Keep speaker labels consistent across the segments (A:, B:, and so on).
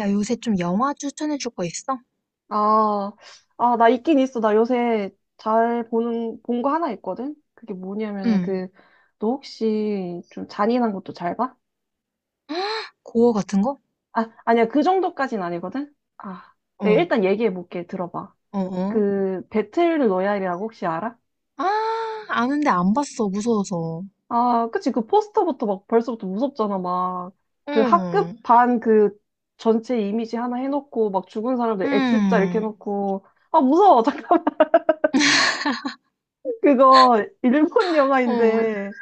A: 야, 요새 좀 영화 추천해 줄 거 있어?
B: 아, 나 있긴 있어. 나 요새 잘 보는, 본 거 하나 있거든? 그게 뭐냐면은
A: 응.
B: 그, 너 혹시 좀 잔인한 것도 잘 봐?
A: 고어 같은 거?
B: 아, 아니야. 그 정도까진 아니거든? 네,
A: 어,
B: 일단 얘기해 볼게. 들어봐.
A: 어.
B: 그, 배틀 로얄이라고 혹시 알아?
A: 아, 아는데 안 봤어, 무서워서.
B: 아, 그치. 그 포스터부터 막 벌써부터 무섭잖아. 막, 그 학급
A: 응,
B: 반 그 전체 이미지 하나 해놓고, 막 죽은 사람들 X자 이렇게
A: 응.
B: 해놓고, 아, 무서워. 잠깐만. 그거 일본
A: 어,
B: 영화인데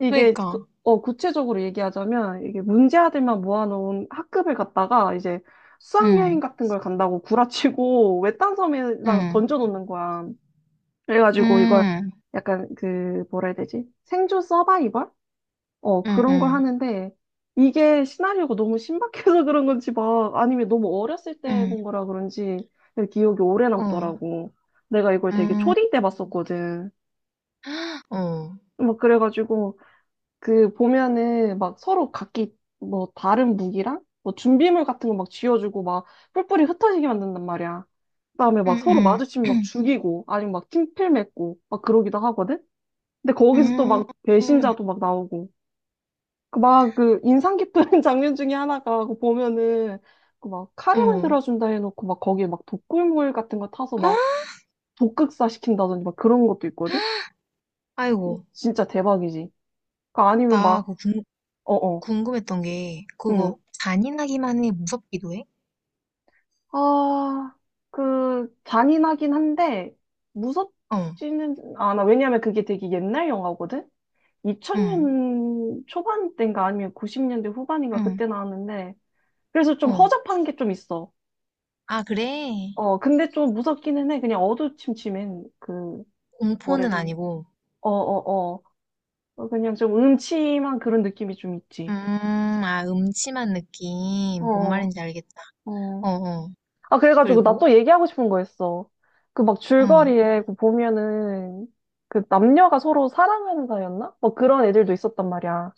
B: 이게
A: 그러니까.
B: 구체적으로 얘기하자면 이게 문제 아들만 모아놓은 학급을 갔다가 이제 수학여행
A: 응,
B: 같은 걸 간다고 구라치고 외딴 섬에다가
A: 응,
B: 던져놓는 거야. 그래가지고 이걸
A: 응,
B: 약간 그 뭐라 해야 되지? 생존 서바이벌? 어
A: 응,
B: 그런 걸
A: 응,
B: 하는데 이게 시나리오가 너무 신박해서 그런 건지 막 아니면 너무 어렸을 때
A: 응.
B: 본 거라 그런지 기억이 오래
A: 어,
B: 남더라고. 내가 이걸 되게
A: 응,
B: 초딩 때 봤었거든.
A: 어,
B: 막 그래가지고 그 보면은 막 서로 각기 뭐 다른 무기랑 뭐 준비물 같은 거 막 쥐어주고 막 뿔뿔이 흩어지게 만든단 말이야. 그다음에
A: 응,
B: 막 서로
A: 응,
B: 마주치면 막 죽이고 아니면 막 팀필 맺고 막 그러기도 하거든. 근데 거기서 또
A: 응,
B: 막 배신자도 막 나오고 그 막그 인상 깊은 장면 중에 하나가 그 보면은 그 막 카레
A: 응.
B: 만들어준다 해놓고 막 거기에 막 독극물 같은 거 타서
A: 아,
B: 막 독극사 시킨다든지 막 그런 것도 있거든.
A: 아이고,
B: 진짜 대박이지. 그 아니면
A: 나
B: 막
A: 그거 궁,
B: 어어.
A: 궁금했던 게, 그거 잔인하기만 해, 무섭기도 해?
B: 아, 그, 잔인하긴 한데,
A: 어.
B: 무섭지는 않아. 왜냐면 그게 되게 옛날 영화거든?
A: 응,
B: 2000년 초반 때인가 아니면 90년대 후반인가
A: 응.
B: 그때 나왔는데, 그래서 좀
A: 어.
B: 허접한 게 좀 있어.
A: 아, 그래?
B: 어, 근데 좀 무섭기는 해. 그냥 어두침침한 그,
A: 공포는
B: 뭐래지?
A: 아니고.
B: 어, 어, 그냥 좀 음침한 그런 느낌이 좀
A: 음,
B: 있지.
A: 아, 음침한 느낌. 뭔
B: 어,
A: 말인지 알겠다.
B: 어.
A: 어, 어.
B: 아, 그래가지고 나
A: 그리고,
B: 또 얘기하고 싶은 거 있어. 그 막
A: 응,
B: 줄거리에 그 보면은 그 남녀가 서로 사랑하는 사이였나? 막 그런 애들도 있었단 말이야.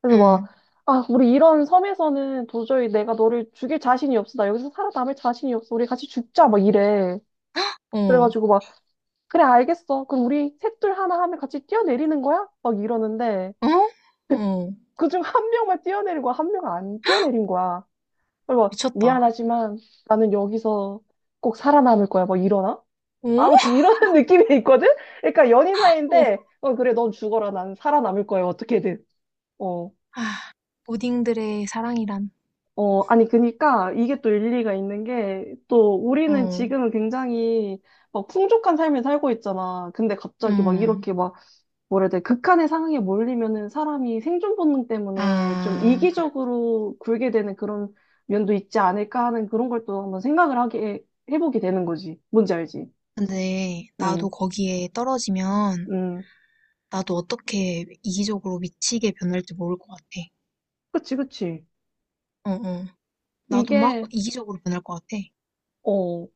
B: 그래서 막,
A: 응,
B: 아, 우리 이런 섬에서는 도저히 내가 너를 죽일 자신이 없어. 나 여기서 살아남을 자신이 없어. 우리 같이 죽자. 막 이래.
A: 어, 어?
B: 그래가지고 막, 그래, 알겠어. 그럼 우리 셋둘 하나 하면 같이 뛰어내리는 거야? 막 이러는데
A: 어.
B: 그중 한 명만 뛰어내리고 한 명은 안 뛰어내린 거야. 그리고 막,
A: 미쳤다.
B: 미안하지만 나는 여기서 꼭 살아남을 거야. 막 이러나? 아,
A: 어?
B: 어찌 이런 느낌이 있거든? 그러니까 연인
A: 어.
B: 사이인데, 어, 그래, 넌 죽어라. 난 살아남을 거야. 어떻게든. 어,
A: 아, 오딩들의 사랑이란.
B: 아니, 그니까 이게 또 일리가 있는 게, 또 우리는
A: 어,
B: 지금은 굉장히 막 풍족한 삶을 살고 있잖아. 근데 갑자기 막
A: 음.
B: 이렇게 막, 뭐라 해야 돼, 극한의 상황에 몰리면은 사람이 생존 본능 때문에 좀
A: 아,
B: 이기적으로 굴게 되는 그런 면도 있지 않을까 하는 그런 걸 또 한번 생각을 하게, 해보게 되는 거지. 뭔지 알지?
A: 근데
B: 응,
A: 나도 거기에 떨어지면
B: 응.
A: 나도 어떻게 이기적으로 미치게 변할지 모를 것 같아.
B: 그치, 그치.
A: 어, 어. 나도 막
B: 이게,
A: 이기적으로 변할 것 같아.
B: 어.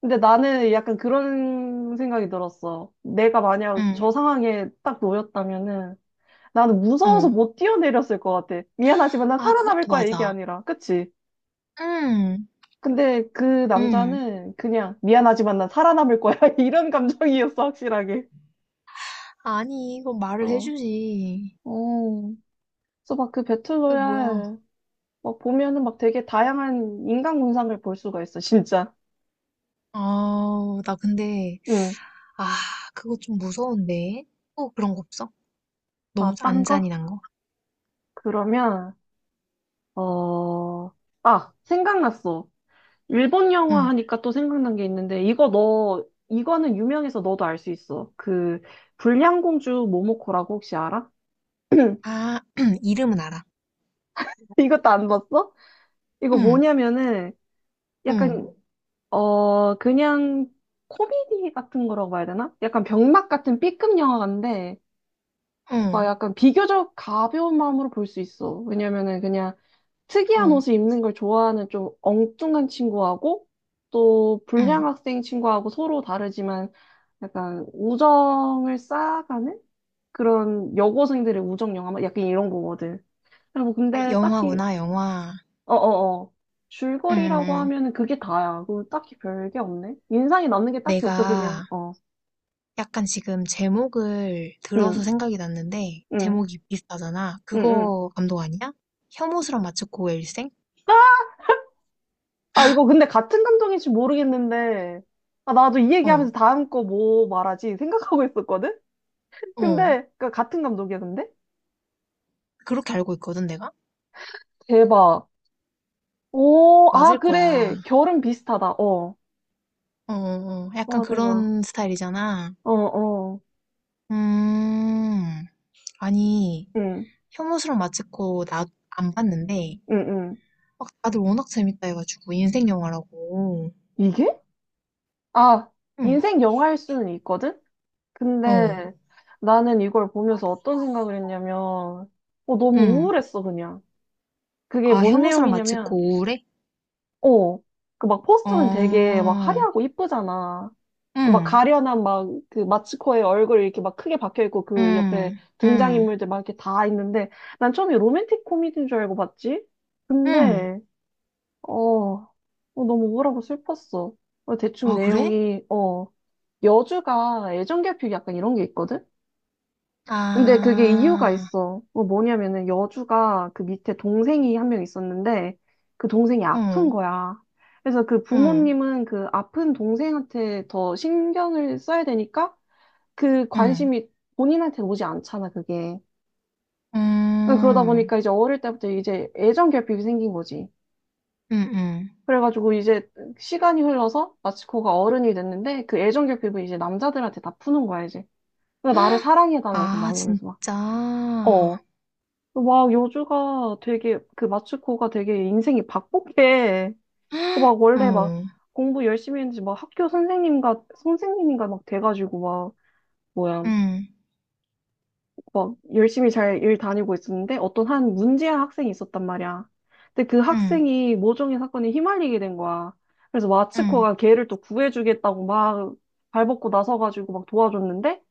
B: 근데 나는 약간 그런 생각이 들었어. 내가 만약
A: 응,
B: 저 상황에 딱 놓였다면은 나는 무서워서
A: 응.
B: 못 뛰어내렸을 것 같아. 미안하지만 난
A: 아,
B: 살아남을
A: 그것도
B: 거야 이게
A: 맞아.
B: 아니라. 그치?
A: 응,
B: 근데 그
A: 응.
B: 남자는 그냥 미안하지만 난 살아남을 거야 이런 감정이었어 확실하게.
A: 아니, 그거 말을
B: 어.
A: 해주지.
B: 어. 그래서 막 그
A: 이거 뭐야?
B: 배틀로얄 막 보면은 막 되게 다양한 인간 군상을 볼 수가 있어 진짜.
A: 아, 나 근데,
B: 응.
A: 아, 그거 좀 무서운데. 또 그런 거 없어?
B: 아,
A: 너무 안
B: 딴 거?
A: 잔인한 거?
B: 그러면 어. 아, 생각났어. 일본 영화
A: 응.
B: 하니까 또 생각난 게 있는데, 이거 너, 이거는 유명해서 너도 알 수 있어. 그, 불량공주 모모코라고 혹시 알아?
A: 아, 이름은 알아.
B: 이것도 안 봤어? 이거
A: 응,
B: 뭐냐면은,
A: 응,
B: 약간, 그냥 코미디 같은 거라고 봐야 되나? 약간 병맛 같은 B급 영화인데, 가
A: 응,
B: 약간 비교적 가벼운 마음으로 볼 수 있어. 왜냐면은 그냥 특이한
A: 응,
B: 옷을 입는 걸 좋아하는 좀 엉뚱한 친구하고, 또
A: 응.
B: 불량 학생 친구하고 서로 다르지만, 약간 우정을 쌓아가는 그런 여고생들의 우정 영화 막 약간 이런 거거든. 그리고 뭐
A: 아,
B: 근데 딱히
A: 영화구나, 영화.
B: 어어어
A: 응,
B: 줄거리라고
A: 응. 응.
B: 하면은 그게 다야. 그럼 딱히 별게 없네. 인상이 남는 게 딱히 없어 그냥
A: 내가
B: 어.
A: 약간 지금 제목을 들어서
B: 응.
A: 생각이 났는데
B: 응.
A: 제목이 비슷하잖아.
B: 응. 응.
A: 그거 감독 아니야? 혐오스런 마츠코 일생?
B: 아 이거 근데 같은 감독인지 모르겠는데 아 나도 이
A: 어,
B: 얘기하면서 다음 거 뭐 말하지 생각하고 있었거든.
A: 어.
B: 근데 그 같은 감독이야 근데
A: 그렇게 알고 있거든 내가?
B: 대박. 오, 아
A: 맞을
B: 그래
A: 거야.
B: 결은 비슷하다. 어.
A: 어. 약간
B: 와 대박.
A: 그런 스타일이잖아.
B: 어 어.
A: 음, 아니
B: 응.
A: 혐오스런 마츠코 나 안 봤는데
B: 응, 응.
A: 막 다들 워낙 재밌다 해가지고 인생 영화라고.
B: 이게? 아,
A: 응,
B: 인생 영화일 수는 있거든?
A: 어,
B: 근데 나는 이걸 보면서 어떤 생각을 했냐면, 어, 너무
A: 응.
B: 우울했어, 그냥. 그게
A: 아
B: 뭔
A: 혐오스런
B: 내용이냐면,
A: 마츠코 우울해?
B: 어, 그 막 포스터는 되게 막
A: 어,
B: 화려하고 이쁘잖아. 그 막
A: 응.
B: 가련한 막 그 마츠코의 얼굴 이렇게 막 크게 박혀 있고 그 옆에
A: 음. 음.
B: 등장인물들 막 이렇게 다 있는데 난 처음에 로맨틱 코미디인 줄 알고 봤지?
A: 음.
B: 근데 어, 어, 너무 우울하고 슬펐어. 어, 대충
A: 아 그래?
B: 내용이, 어, 여주가 애정결핍 약간 이런 게 있거든? 근데 그게 이유가
A: 아.
B: 있어. 어, 뭐냐면은 여주가 그 밑에 동생이 한 명 있었는데 그 동생이
A: 어.
B: 아픈 거야. 그래서 그
A: 응.
B: 부모님은 그 아픈 동생한테 더 신경을 써야 되니까 그
A: 응.
B: 관심이 본인한테 오지 않잖아, 그게. 어, 그러다
A: 음.
B: 보니까 이제 어릴 때부터 이제 애정결핍이 생긴 거지.
A: 음음.
B: 그래가지고 이제 시간이 흘러서 마치코가 어른이 됐는데 그 애정 결핍을 이제 남자들한테 다 푸는 거야, 이제. 그러니까 나를 사랑해달라고
A: 아
B: 막 이러면서 막,
A: 진짜.
B: 어.
A: 어.
B: 막 요주가 되게, 그 마츠코가 되게 인생이 바쁘게, 그 막 원래 막
A: 응.
B: 공부 열심히 했는지 막 학교 선생님과, 선생님인가 막 돼가지고 막, 뭐야. 막 열심히 잘 일 다니고 있었는데 어떤 한 문제한 학생이 있었단 말이야. 근데 그
A: 응.
B: 학생이 모종의 사건에 휘말리게 된 거야. 그래서
A: 응.
B: 마츠코가 걔를 또 구해주겠다고 막 발벗고 나서가지고 막 도와줬는데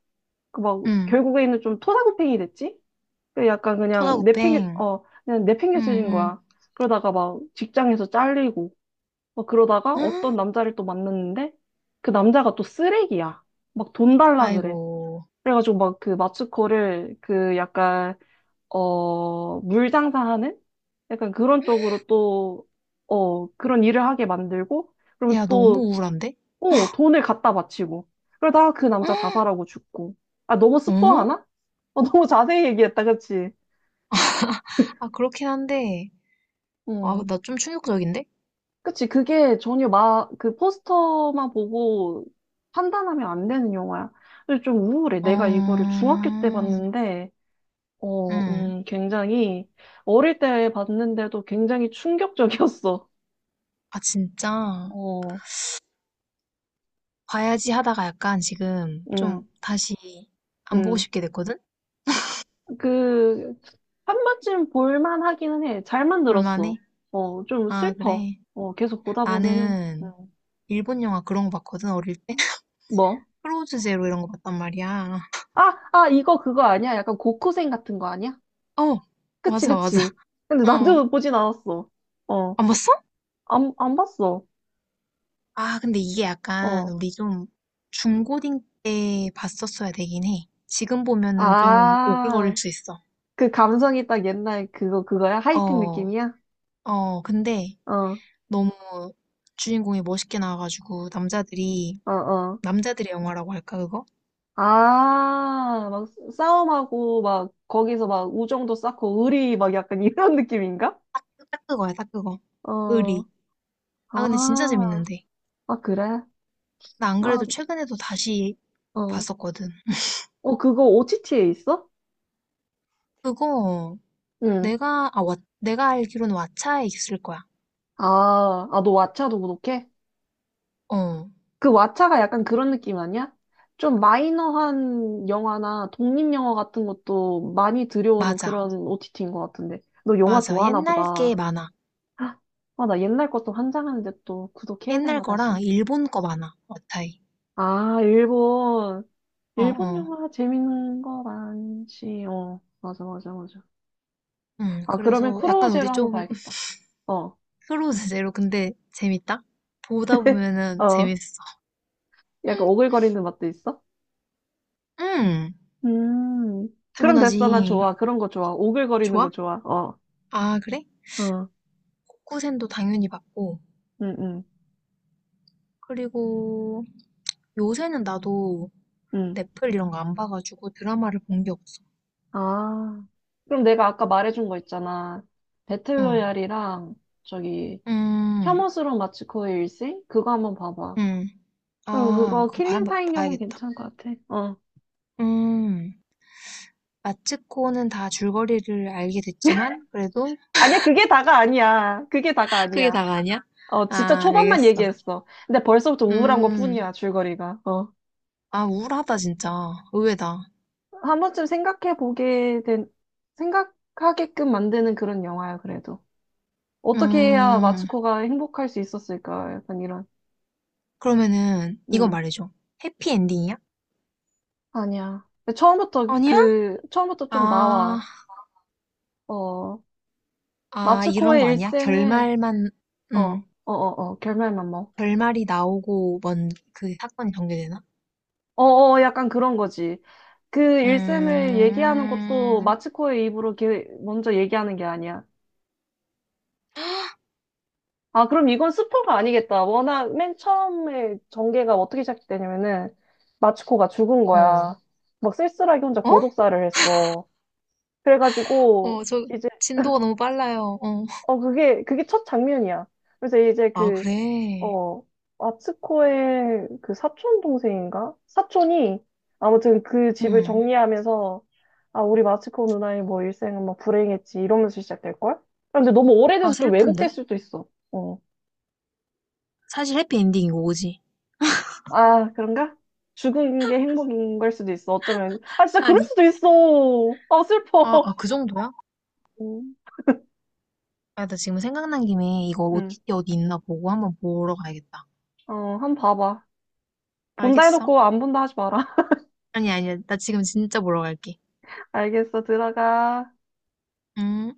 B: 그 막
A: 응.
B: 결국에는 좀 토사구팽이 됐지? 그 약간 그냥 내팽겨
A: 토다구팽.
B: 어 그냥 내팽겨쳐진
A: 응응.
B: 거야. 그러다가 막 직장에서 잘리고 막 그러다가 어떤 남자를 또 만났는데 그 남자가 또 쓰레기야. 막 돈 달라 그래.
A: 아이고.
B: 그래가지고 막 그 마츠코를 그 약간 어, 물 장사하는? 약간 그런 쪽으로 또, 어, 그런 일을 하게 만들고, 그럼
A: 야 너무
B: 또,
A: 우울한데?
B: 어, 돈을 갖다 바치고. 그러다가 그 남자 자살하고 죽고. 아, 너무
A: 어?
B: 스포하나? 어, 너무 자세히 얘기했다, 그치?
A: 아 그렇긴 한데. 아
B: 음.
A: 나 좀 충격적인데?
B: 그치, 그게 전혀 마, 그 포스터만 보고 판단하면 안 되는 영화야. 그래서 좀 우울해. 내가 이거를
A: 어.
B: 중학교 때 봤는데,
A: 응.
B: 굉장히, 어릴 때 봤는데도 굉장히 충격적이었어.
A: 아 진짜.
B: 어.
A: 봐야지 하다가 약간 지금 좀
B: 음,
A: 다시 안 보고
B: 음.
A: 싶게 됐거든?
B: 그, 한 번쯤 볼만 하기는 해. 잘
A: 볼만해?
B: 만들었어. 어, 좀
A: 아,
B: 슬퍼.
A: 그래.
B: 어, 계속 보다 보면은,
A: 나는 일본 영화 그런 거 봤거든, 어릴 때.
B: 뭐?
A: 크로즈 제로 이런 거 봤단 말이야.
B: 이거 그거 아니야? 약간 고쿠생 같은 거 아니야?
A: 어,
B: 그치,
A: 맞아.
B: 그치. 근데
A: 어.
B: 나도 보진 않았어. 어,
A: 안 봤어?
B: 안 봤어.
A: 아, 근데 이게 약간
B: 어.
A: 우리 좀 중고딩 때 봤었어야 되긴 해. 지금 보면은 좀 오글거릴
B: 아,
A: 수 있어.
B: 그 감성이 딱 옛날 그거, 그거야? 하이틴
A: 어,
B: 느낌이야?
A: 어, 근데
B: 어, 어,
A: 너무 주인공이 멋있게 나와가지고 남자들이,
B: 어.
A: 남자들의 영화라고 할까, 그거?
B: 아, 막 싸움하고, 막, 거기서 막 우정도 쌓고, 의리, 막 약간 이런 느낌인가?
A: 딱 그거야, 딱 그거.
B: 어,
A: 의리.
B: 아,
A: 아, 근데 진짜 재밌는데.
B: 아, 그래?
A: 나 안
B: 아,
A: 그래도 최근에도 다시
B: 어.
A: 봤었거든.
B: 어, 그거 OTT에 있어?
A: 그거
B: 응.
A: 내가, 아, 왓- 내가 알기로는 왓챠에 있을 거야.
B: 아, 너 왓챠도 구독해?
A: 어,
B: 그 왓챠가 약간 그런 느낌 아니야? 좀 마이너한 영화나 독립영화 같은 것도 많이 들여오는
A: 맞아.
B: 그런 OTT인 것 같은데. 너 영화
A: 맞아.
B: 좋아하나
A: 옛날 게
B: 보다.
A: 많아.
B: 아, 나 옛날 것도 환장하는데 또 구독해야
A: 옛날
B: 되나,
A: 거랑
B: 다시.
A: 일본 거 많아. 왓챠에.
B: 아, 일본.
A: 어,
B: 일본
A: 어.
B: 영화 재밌는 거 많지. 어, 맞아, 맞아, 맞아. 아, 그러면
A: 그래서
B: 쿠로
A: 약간
B: 제로
A: 우리
B: 한번
A: 좀
B: 봐야겠다. 어,
A: 서로 제대로 근데 재밌다? 보다 보면은
B: 어.
A: 재밌어.
B: 약간 오글거리는 맛도 있어?
A: 음,
B: 음. 그럼 됐어. 나
A: 당연하지.
B: 좋아. 그런 거 좋아. 오글거리는 거
A: 좋아?
B: 좋아. 어,
A: 아, 그래?
B: 어.
A: 코쿠센도 당연히 봤고.
B: 응, 응,
A: 그리고 요새는 나도
B: 응.
A: 넷플 이런 거 안 봐가지고 드라마를 본 게 없어.
B: 아. 그럼 내가 아까 말해준 거 있잖아.
A: 응.
B: 배틀로얄이랑 저기
A: 음,
B: 혐오스러운 마츠코의 일생? 그거 한번 봐봐.
A: 음.
B: 어,
A: 아,
B: 그거 킬링타임용은
A: 봐야겠다.
B: 괜찮을 것 같아. 어.
A: 음. 마츠코는 다 줄거리를 알게 됐지만, 그래도
B: 아니야, 그게 다가 아니야. 그게 다가
A: 그게
B: 아니야.
A: 다가 아니야?
B: 어, 진짜
A: 아,
B: 초반만
A: 알겠어.
B: 얘기했어. 근데 벌써부터 우울한
A: 음.
B: 것뿐이야, 줄거리가. 어.
A: 아, 우울하다, 진짜. 의외다.
B: 한 번쯤 생각해 보게 된, 생각하게끔 만드는 그런 영화야, 그래도. 어떻게 해야
A: 음.
B: 마츠코가 행복할 수 있었을까? 약간 이런.
A: 그러면은, 이거
B: 음,
A: 말해줘. 해피엔딩이야?
B: 아니야. 근데 처음부터
A: 아니야?
B: 그, 처음부터 좀
A: 아,
B: 나와. 어,
A: 이런
B: 마츠코의
A: 거 아니야?
B: 일생을,
A: 결말만,
B: 어, 어,
A: 음.
B: 어, 어, 결말만 뭐.
A: 결말이 나오고 먼 그 사건이 전개되나?
B: 어, 어, 약간 그런 거지. 그 일생을 얘기하는 것도
A: 음,
B: 마츠코의 입으로 이렇게 먼저 얘기하는 게 아니야. 아, 그럼 이건 스포가 아니겠다. 워낙 맨 처음에 전개가 어떻게 시작되냐면은 마츠코가 죽은 거야.
A: 어.
B: 막 쓸쓸하게 혼자
A: 어?
B: 고독사를 했어. 그래가지고
A: 어, 저
B: 이제
A: 진도가 너무 빨라요. 어.
B: 그게 첫 장면이야. 그래서 이제
A: 아,
B: 그
A: 그래.
B: 어, 아츠코의 그 사촌 동생인가? 사촌이 아무튼 그 집을
A: 음.
B: 정리하면서 아, 우리 마츠코 누나의 뭐 일생은 막 불행했지 이러면서 시작될걸? 근데 너무
A: 아,
B: 오래돼서 좀
A: 슬픈데?
B: 왜곡될 수도 있어. 어.
A: 사실 해피엔딩이고, 오지?
B: 아, 그런가? 죽은 게 행복인 걸 수도 있어. 어쩌면. 아, 진짜 그럴
A: 아니.
B: 수도 있어. 아, 슬퍼.
A: 그 정도야?
B: 응.
A: 아, 나 지금 생각난 김에 이거
B: 응.
A: OTT 어디 있나 보고 한번 보러 가야겠다.
B: 어, 한번 봐봐. 본다
A: 알겠어?
B: 해놓고 안 본다 하지 마라.
A: 아니, 아니야. 나 지금 진짜 보러 갈게.
B: 알겠어. 들어가.
A: 음.